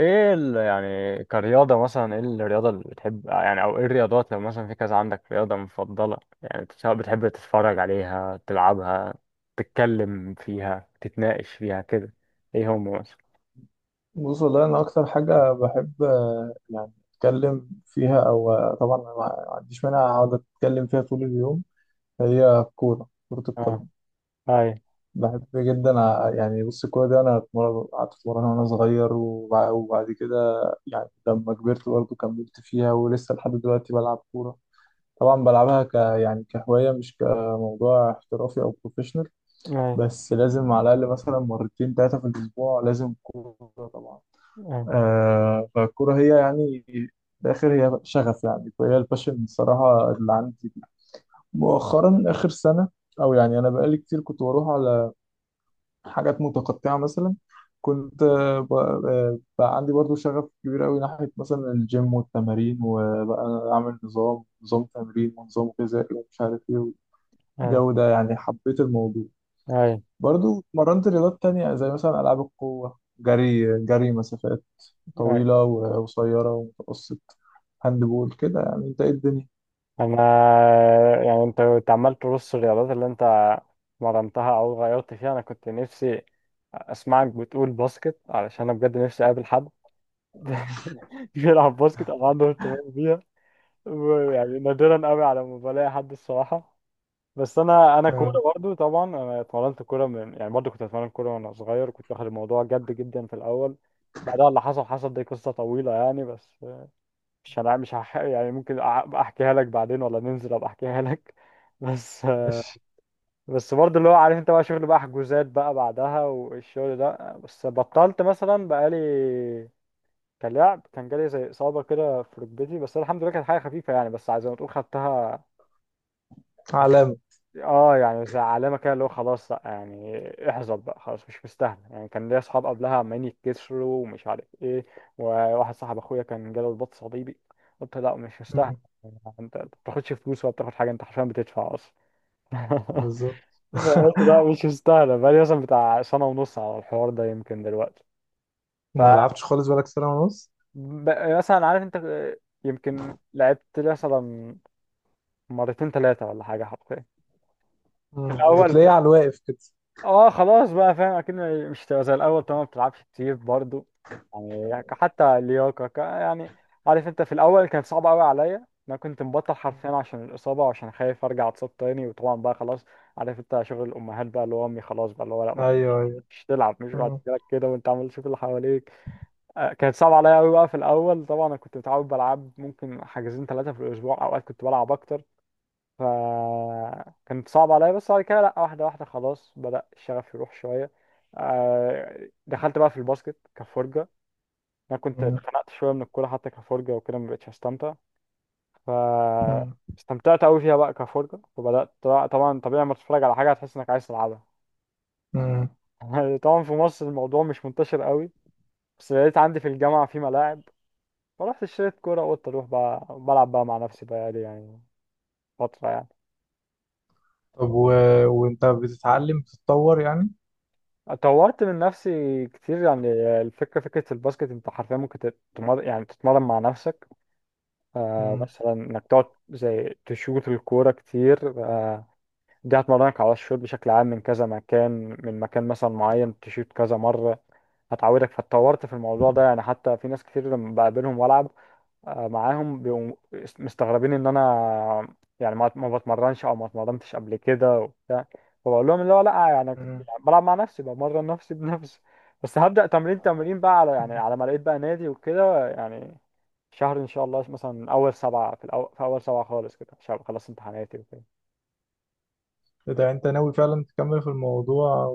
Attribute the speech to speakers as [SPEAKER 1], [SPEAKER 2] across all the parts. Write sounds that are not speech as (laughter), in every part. [SPEAKER 1] ايه يعني كرياضة مثلا، ايه الرياضة اللي بتحب؟ يعني او ايه الرياضات؟ لو مثلا في كذا عندك رياضة مفضلة، يعني سواء بتحب تتفرج عليها، تلعبها، تتكلم فيها، تتناقش فيها كده؟ ايه هم مثلا؟
[SPEAKER 2] بص، والله أنا أكتر حاجة بحب يعني أتكلم فيها أو طبعا أنا ما عنديش مانع أقعد أتكلم فيها طول اليوم، هي الكورة، كرة
[SPEAKER 1] اه.
[SPEAKER 2] القدم.
[SPEAKER 1] اي.
[SPEAKER 2] بحب جدا، يعني بص، الكورة دي أنا قعدت أتمرن وأنا صغير، وبعد كده يعني لما كبرت برضه كملت فيها ولسه لحد دلوقتي بلعب كورة. طبعا بلعبها يعني كهواية، مش كموضوع احترافي أو بروفيشنال.
[SPEAKER 1] اي.
[SPEAKER 2] بس لازم على الأقل مثلا مرتين تلاتة في الأسبوع لازم كورة طبعا.
[SPEAKER 1] اي.
[SPEAKER 2] آه، فالكورة هي يعني في الآخر هي شغف، يعني فهي الباشن بصراحة اللي عندي مؤخرا آخر سنة، أو يعني أنا بقالي كتير كنت بروح على حاجات متقطعة. مثلا كنت بقى عندي برضو شغف كبير أوي ناحية مثلا الجيم والتمارين، وبقى أعمل نظام تمرين ونظام غذائي ومش عارف إيه،
[SPEAKER 1] اي.
[SPEAKER 2] والجو ده يعني حبيت الموضوع.
[SPEAKER 1] اي.
[SPEAKER 2] برضو مرنت رياضات تانية، زي مثلا ألعاب القوة، جري، جري مسافات
[SPEAKER 1] اي.
[SPEAKER 2] طويلة وقصيرة ومتوسط، هاند بول، كده. يعني انت ايه الدنيا؟
[SPEAKER 1] انا، يعني انت كنت عمال ترص الرياضات اللي انت مرنتها او غيرت فيها. انا كنت نفسي اسمعك بتقول باسكت، علشان انا بجد نفسي اقابل حد (laughs) بيلعب باسكت او عنده اهتمام بيها. يعني نادرا قوي على ما بلاقي حد الصراحه. بس انا
[SPEAKER 2] اه،
[SPEAKER 1] كوره برضو، طبعا انا اتمرنت كوره من، يعني برضو كنت اتمرن كوره وانا صغير، كنت واخد الموضوع جد جدا في الاول. بعدها اللي حصل حصل، دي قصه طويله يعني، بس مش هح... يعني ممكن أبقى احكيها لك بعدين، ولا ننزل ابقى احكيها لك؟ (laughs) بس.
[SPEAKER 2] ماشي،
[SPEAKER 1] بس برضه اللي هو، عارف انت، بقى شغل بقى، حجوزات بقى بعدها والشغل ده، بس بطلت مثلا بقالي كلاعب، كان جالي زي إصابة كده في ركبتي، بس أنا الحمد لله كانت حاجة خفيفة يعني، بس زي ما تقول خدتها.
[SPEAKER 2] علامة.
[SPEAKER 1] اه، يعني زي علامة كده، اللي هو خلاص لأ، يعني احزر بقى، خلاص مش مستاهل. يعني كان ليا أصحاب قبلها عمالين يتكسروا ومش عارف إيه، وواحد صاحب أخويا كان جاله رباط صليبي. قلت لأ مش مستاهل،
[SPEAKER 2] مم.
[SPEAKER 1] يعني أنت ما بتاخدش فلوس ولا بتاخد حاجة، أنت حرفيا بتدفع أصلا. (laughs)
[SPEAKER 2] بالظبط.
[SPEAKER 1] فقلت
[SPEAKER 2] (laughs)
[SPEAKER 1] لأ مش مستاهلة، بقالي مثلا بتاع سنة ونص على الحوار ده يمكن دلوقتي. ف،
[SPEAKER 2] وما لعبتش خالص بقالك سنة ونص؟
[SPEAKER 1] مثلا عارف أنت، يمكن لعبت مثلا مرتين ثلاثة ولا حاجة حرفيا. في
[SPEAKER 2] مم.
[SPEAKER 1] الأول
[SPEAKER 2] وتلاقيه على الواقف كده.
[SPEAKER 1] اه خلاص بقى فاهم أكيد. مش تبقى زي الأول طبعا، ما بتلعبش كتير برضو، يعني حتى اللياقة يعني عارف أنت، في الأول كان صعب أوي عليا، أنا كنت مبطل
[SPEAKER 2] مم.
[SPEAKER 1] حرفيا عشان الإصابة وعشان خايف أرجع أتصاب تاني، وطبعا بقى خلاص عارف أنت شغل الأمهات بقى، اللي هو أمي خلاص بقى اللي هو لأ
[SPEAKER 2] ايوه
[SPEAKER 1] مفيش،
[SPEAKER 2] ايوه.
[SPEAKER 1] مش تلعب، مش بعد
[SPEAKER 2] مم.
[SPEAKER 1] كده كده، وأنت عمال تشوف اللي حواليك. كانت صعبة عليا أوي بقى في الأول، طبعا أنا كنت متعود بلعب ممكن حاجزين ثلاثة في الأسبوع، أوقات كنت بلعب أكتر، فكانت صعبة عليا، بس بعد كده لأ، واحدة واحدة خلاص بدأ الشغف يروح شوية. دخلت بقى في الباسكت كفرجة. أنا كنت
[SPEAKER 2] مم.
[SPEAKER 1] اتخنقت شوية من الكورة حتى كفرجة وكده، مبقتش أستمتع. ف،
[SPEAKER 2] مم.
[SPEAKER 1] استمتعت أوي فيها بقى كفرجة، فبدأت، طبعا طبيعي لما تتفرج على حاجة هتحس إنك عايز تلعبها.
[SPEAKER 2] مم.
[SPEAKER 1] (laughs) طبعا في مصر الموضوع مش منتشر أوي، بس لقيت عندي في الجامعة في ملاعب، فرحت اشتريت كورة، وقلت أروح بقى بلعب بقى مع نفسي بقى لي يعني فترة يعني.
[SPEAKER 2] طب وانت بتتعلم بتتطور يعني؟
[SPEAKER 1] طورت من نفسي كتير يعني. الفكرة، فكرة الباسكت، انت حرفيا ممكن يعني تتمرن مع نفسك. آه
[SPEAKER 2] مم.
[SPEAKER 1] مثلا انك تقعد زي تشوط الكورة كتير. آه، دي هتمرنك على الشوط بشكل عام، من كذا مكان، من مكان مثلا معين تشوط كذا مرة هتعودك. فاتطورت في الموضوع ده يعني، حتى في ناس كتير لما بقابلهم والعب معاهم، بيبقوا مستغربين ان انا يعني ما بتمرنش او ما اتمرنتش قبل كده وبتاع. فبقول لهم اللي هو لا، يعني كنت
[SPEAKER 2] مم.
[SPEAKER 1] يعني بلعب مع نفسي، بمرن نفسي (laughs) بنفسي. بس هبدأ تمرين بقى على، يعني
[SPEAKER 2] مم.
[SPEAKER 1] على ما لقيت بقى نادي وكده يعني، شهر ان شاء الله، مثلا اول سبعة، في اول سبعة خالص كده، عشان أبقى خلصت امتحاناتي وكده.
[SPEAKER 2] اذا انت ناوي فعلا تكمل في الموضوع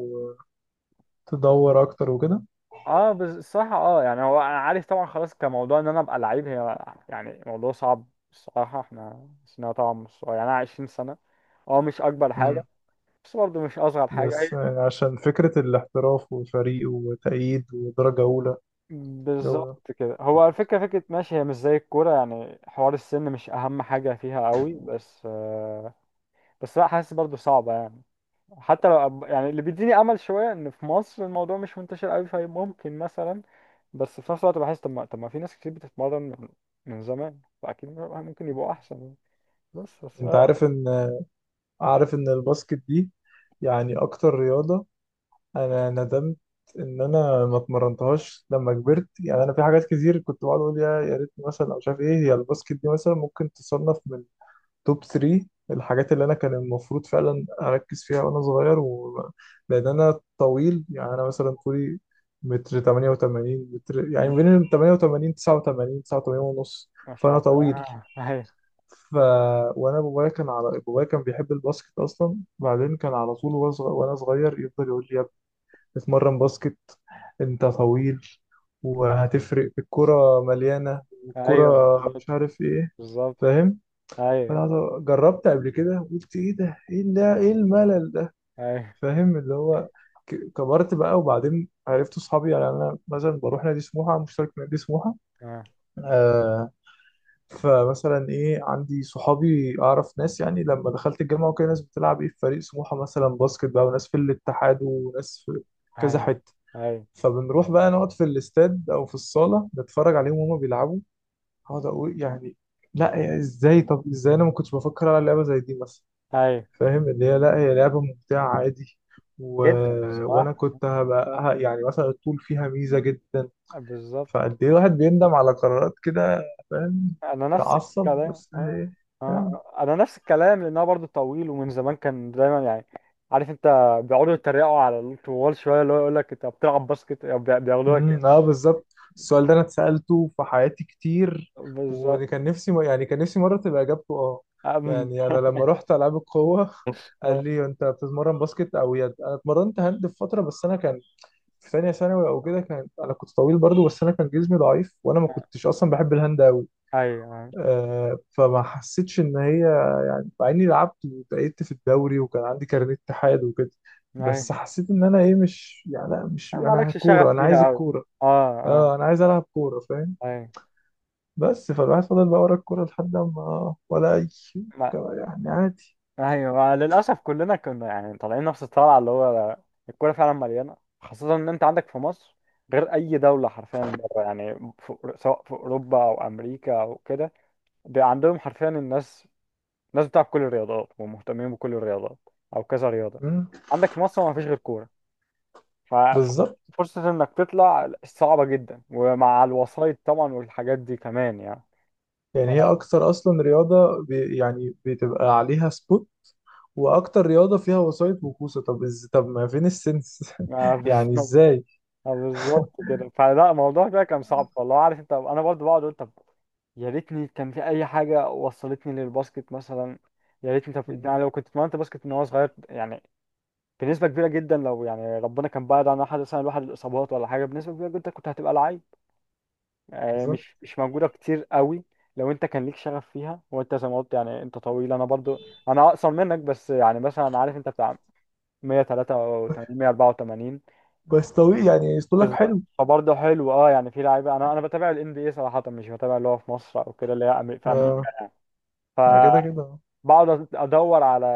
[SPEAKER 2] وتدور اكتر وكده.
[SPEAKER 1] اه بس الصراحة، اه يعني هو، انا عارف طبعا خلاص كموضوع ان انا ابقى لعيب هي، يعني موضوع صعب. الصراحة احنا سننا طبعا مش صغير، يعني انا 20 سنة. اه مش اكبر حاجة،
[SPEAKER 2] مم.
[SPEAKER 1] بس برضه مش اصغر حاجه هي.
[SPEAKER 2] بس عشان فكرة الاحتراف وفريق وتأييد ودرجة أولى، جو ده.
[SPEAKER 1] بالظبط كده، هو الفكره، فكره ماشي هي مش زي الكوره، يعني حوار السن مش اهم حاجه فيها قوي، بس بس لا، حاسس برضه صعبه يعني. حتى لو يعني اللي بيديني امل شويه ان في مصر الموضوع مش منتشر قوي فممكن مثلا. بس في نفس الوقت بحس، طب ما في ناس كتير بتتمرن من زمان، فاكيد ممكن يبقوا احسن يعني. بس
[SPEAKER 2] أنت عارف إن الباسكت دي يعني أكتر رياضة أنا ندمت إن أنا ما اتمرنتهاش لما كبرت. يعني أنا في حاجات كتير كنت بقعد أقول، يا ريت مثلا، أو مش عارف إيه. هي الباسكت دي مثلا ممكن تصنف من توب 3 الحاجات اللي انا كان المفروض فعلا اركز فيها وانا صغير، لان انا طويل. يعني انا مثلا طولي متر 88، متر
[SPEAKER 1] مم.
[SPEAKER 2] يعني بين ال 88، 89، 89 ونص.
[SPEAKER 1] ما
[SPEAKER 2] فانا
[SPEAKER 1] شاء
[SPEAKER 2] طويل،
[SPEAKER 1] الله. (laughs) آه،
[SPEAKER 2] ف وانا بابايا كان بيحب الباسكت اصلا. بعدين كان على طول وانا وأنا صغير يفضل يقول لي، يا ابني اتمرن باسكت، انت طويل، وهتفرق، الكرة مليانة،
[SPEAKER 1] ايوه، ايوه،
[SPEAKER 2] والكرة
[SPEAKER 1] بالظبط.
[SPEAKER 2] مش عارف ايه.
[SPEAKER 1] بالظبط.
[SPEAKER 2] فاهم؟
[SPEAKER 1] ايوه.
[SPEAKER 2] جربت قبل كده قلت، ايه ده، ايه ده، ايه الملل ده.
[SPEAKER 1] ايوه،
[SPEAKER 2] فاهم اللي هو، كبرت بقى، وبعدين عرفت اصحابي. يعني انا مثلا بروح نادي سموحه، مشترك في نادي سموحه.
[SPEAKER 1] آه،
[SPEAKER 2] آه. فمثلا ايه، عندي صحابي اعرف ناس، يعني لما دخلت الجامعه وكده، ناس بتلعب ايه، في فريق سموحه مثلا باسكت بقى، وناس في الاتحاد، وناس في كذا
[SPEAKER 1] ايوه،
[SPEAKER 2] حته.
[SPEAKER 1] ايوه.
[SPEAKER 2] فبنروح بقى نقعد في الاستاد او في الصاله نتفرج عليهم وهما بيلعبوا. اقعد اقول يعني، لا يعني، ازاي انا ما كنتش بفكر على لعبه زي دي مثلا؟
[SPEAKER 1] ايوه،
[SPEAKER 2] فاهم اللي هي لا، هي لعبة ممتعة عادي. و...
[SPEAKER 1] جدا
[SPEAKER 2] وانا
[SPEAKER 1] الصراحة.
[SPEAKER 2] كنت يعني مثلا، الطول فيها ميزة جدا.
[SPEAKER 1] بالظبط.
[SPEAKER 2] فقد ايه، الواحد بيندم على قرارات كده. فاهم؟
[SPEAKER 1] انا نفس
[SPEAKER 2] تعصب،
[SPEAKER 1] الكلام.
[SPEAKER 2] بس
[SPEAKER 1] آه.
[SPEAKER 2] هي
[SPEAKER 1] آه.
[SPEAKER 2] يعني.
[SPEAKER 1] انا نفس الكلام، لان هو برضه طويل ومن زمان كان دايما يعني، عارف انت، بيقعدوا يتريقوا على الطوال شويه، اللي هو يقول لك انت بتلعب باسكت يعني بياخدوها كده.
[SPEAKER 2] امم، اه بالظبط، السؤال ده انا اتسألته في حياتي كتير،
[SPEAKER 1] بالظبط.
[SPEAKER 2] وكان نفسي يعني كان نفسي مرة تبقى اجابته اه.
[SPEAKER 1] آه.
[SPEAKER 2] يعني انا لما
[SPEAKER 1] (laughs)
[SPEAKER 2] رحت العاب القوة (laughs) قال
[SPEAKER 1] آه.
[SPEAKER 2] لي، انت بتتمرن باسكت او يد؟ انا اتمرنت هاند في فترة، بس انا كان في ثانيه ثانوي او كده، كان انا كنت طويل برضو، بس انا كان جسمي ضعيف وانا ما كنتش اصلا بحب الهاند قوي.
[SPEAKER 1] ايوه، ايوه،
[SPEAKER 2] آه، فما حسيتش ان هي، مع اني لعبت وتأيدت في الدوري وكان عندي كارنيه اتحاد وكده. بس
[SPEAKER 1] أيوة.
[SPEAKER 2] حسيت ان انا ايه، مش يعني، لا، مش انا
[SPEAKER 1] مالكش
[SPEAKER 2] كوره،
[SPEAKER 1] شغف
[SPEAKER 2] انا عايز
[SPEAKER 1] فيها قوي.
[SPEAKER 2] الكوره.
[SPEAKER 1] اه، اه.
[SPEAKER 2] اه، انا عايز العب كوره. فاهم؟
[SPEAKER 1] ايوه.
[SPEAKER 2] بس فالواحد فضل بقى ورا الكوره لحد ما، ولا اي شيء كان يعني عادي.
[SPEAKER 1] ايوه، للاسف كلنا كنا يعني طالعين نفس الطلعه، اللي هو الكوره فعلا مليانه، خاصه ان انت عندك في مصر غير اي دوله حرفيا بره يعني، في، سواء في اوروبا او امريكا او كده، بيبقى عندهم حرفيا، الناس بتلعب كل الرياضات ومهتمين بكل الرياضات او كذا رياضه.
[SPEAKER 2] مم.
[SPEAKER 1] عندك في مصر ما فيش غير كوره،
[SPEAKER 2] بالظبط.
[SPEAKER 1] ففرصه انك تطلع صعبه جدا، ومع الوسائط طبعا والحاجات دي كمان يعني.
[SPEAKER 2] يعني هي اكتر اصلا رياضه يعني بتبقى عليها سبوت، واكتر رياضه فيها وسائط وكوسه. طب طب ما فين السنس
[SPEAKER 1] (laughs) اه
[SPEAKER 2] (laughs) يعني ازاي؟
[SPEAKER 1] بالظبط كده، فلا الموضوع ده كان صعب، فالله عارف انت، انا برضو بقعد اقول، طب يا ريتني كان في اي حاجه وصلتني للباسكت مثلا، يا ريتني، طب يعني لو كنت اتمرنت باسكت من وانا صغير يعني، بنسبه كبيره جدا، لو يعني ربنا كان بعد عن احد مثلا، الواحد الاصابات ولا حاجه، بنسبه كبيره جدا كنت هتبقى لعيب.
[SPEAKER 2] بالظبط.
[SPEAKER 1] مش موجوده كتير قوي، لو انت كان ليك شغف فيها، وانت زي ما قلت يعني انت طويل، انا برضو، انا اقصر منك بس، يعني مثلا عارف انت بتاع 183، 184.
[SPEAKER 2] بس طويل، يعني اسطولك
[SPEAKER 1] بالظبط،
[SPEAKER 2] حلو.
[SPEAKER 1] فبرضه حلو اه، يعني في لعيبه، انا بتابع الان بي اي صراحه، مش بتابع اللي هو في مصر او كده، اللي هي في
[SPEAKER 2] آه،
[SPEAKER 1] امريكا،
[SPEAKER 2] ما كده كده.
[SPEAKER 1] فبقعد ادور على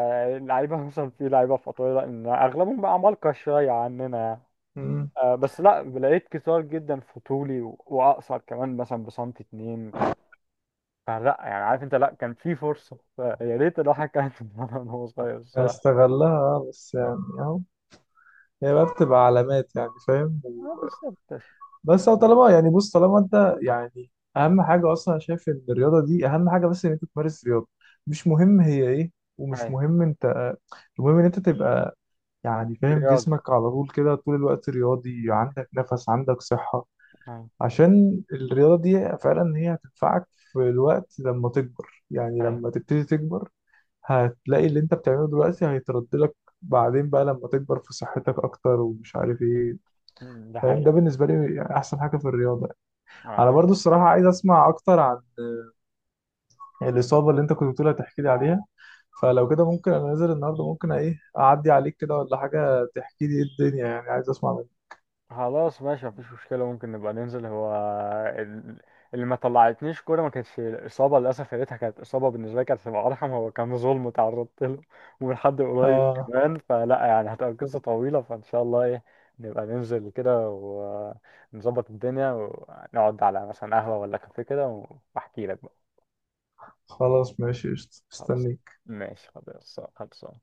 [SPEAKER 1] لعيبه. (laughs) مثلا في لعيبه في اطوله ان اغلبهم بقى عمالقه شويه عننا يعني.
[SPEAKER 2] مم.
[SPEAKER 1] آه بس لا، لقيت كتار جدا في طولي واقصر كمان مثلا بسنتي اتنين تلاته. فلا يعني عارف انت، لا كان في فرصه، يا ريت الواحد كان يتمرن وهو صغير الصراحه.
[SPEAKER 2] استغلها، بس يعني اهو، هي بقى بتبقى علامات يعني. فاهم؟
[SPEAKER 1] آه بالظبط.
[SPEAKER 2] بس هو طالما يعني بص، طالما انت يعني، اهم حاجه اصلا انا شايف ان الرياضه دي، اهم حاجه بس ان انت تمارس رياضه، مش مهم هي ايه، ومش
[SPEAKER 1] ايوه.
[SPEAKER 2] مهم، المهم ان انت تبقى يعني فاهم
[SPEAKER 1] رياضي.
[SPEAKER 2] جسمك على طول كده طول الوقت رياضي، عندك نفس، عندك صحة،
[SPEAKER 1] ايوه.
[SPEAKER 2] عشان الرياضة دي فعلا هي هتنفعك في الوقت لما تكبر، يعني
[SPEAKER 1] أيوة.
[SPEAKER 2] لما تبتدي تكبر هتلاقي اللي انت بتعمله دلوقتي هيترد لك بعدين بقى لما تكبر، في صحتك اكتر ومش عارف ايه.
[SPEAKER 1] ده
[SPEAKER 2] فاهم؟ ده
[SPEAKER 1] حقيقي.
[SPEAKER 2] بالنسبة لي يعني احسن حاجة في الرياضة.
[SPEAKER 1] آه.
[SPEAKER 2] انا برضو
[SPEAKER 1] عليك.
[SPEAKER 2] الصراحة عايز اسمع اكتر عن الإصابة اللي انت كنت بتقولها، تحكي لي عليها. فلو كده ممكن انا نازل النهارده، ممكن ايه اعدي عليك كده، ولا حاجة تحكي لي ايه الدنيا، يعني عايز اسمع.
[SPEAKER 1] خلاص ماشي، مفيش مشكلة، ممكن نبقى ننزل، هو ال- اللي ما طلعتنيش كورة ما كانتش إصابة للأسف، يا ريتها كانت إصابة، بالنسبة لي كانت هتبقى أرحم، هو كان ظلم تعرضت له ومن حد قريب
[SPEAKER 2] آه،
[SPEAKER 1] كمان، فلا يعني هتبقى قصة طويلة، فإن شاء الله إيه نبقى ننزل كده، ونظبط الدنيا، ونقعد على مثلا قهوة ولا كافيه كده، وأحكي لك بقى.
[SPEAKER 2] خلاص ماشي قشطة.
[SPEAKER 1] خلاص.
[SPEAKER 2] استنيك
[SPEAKER 1] ماشي، خلاص، خلاص.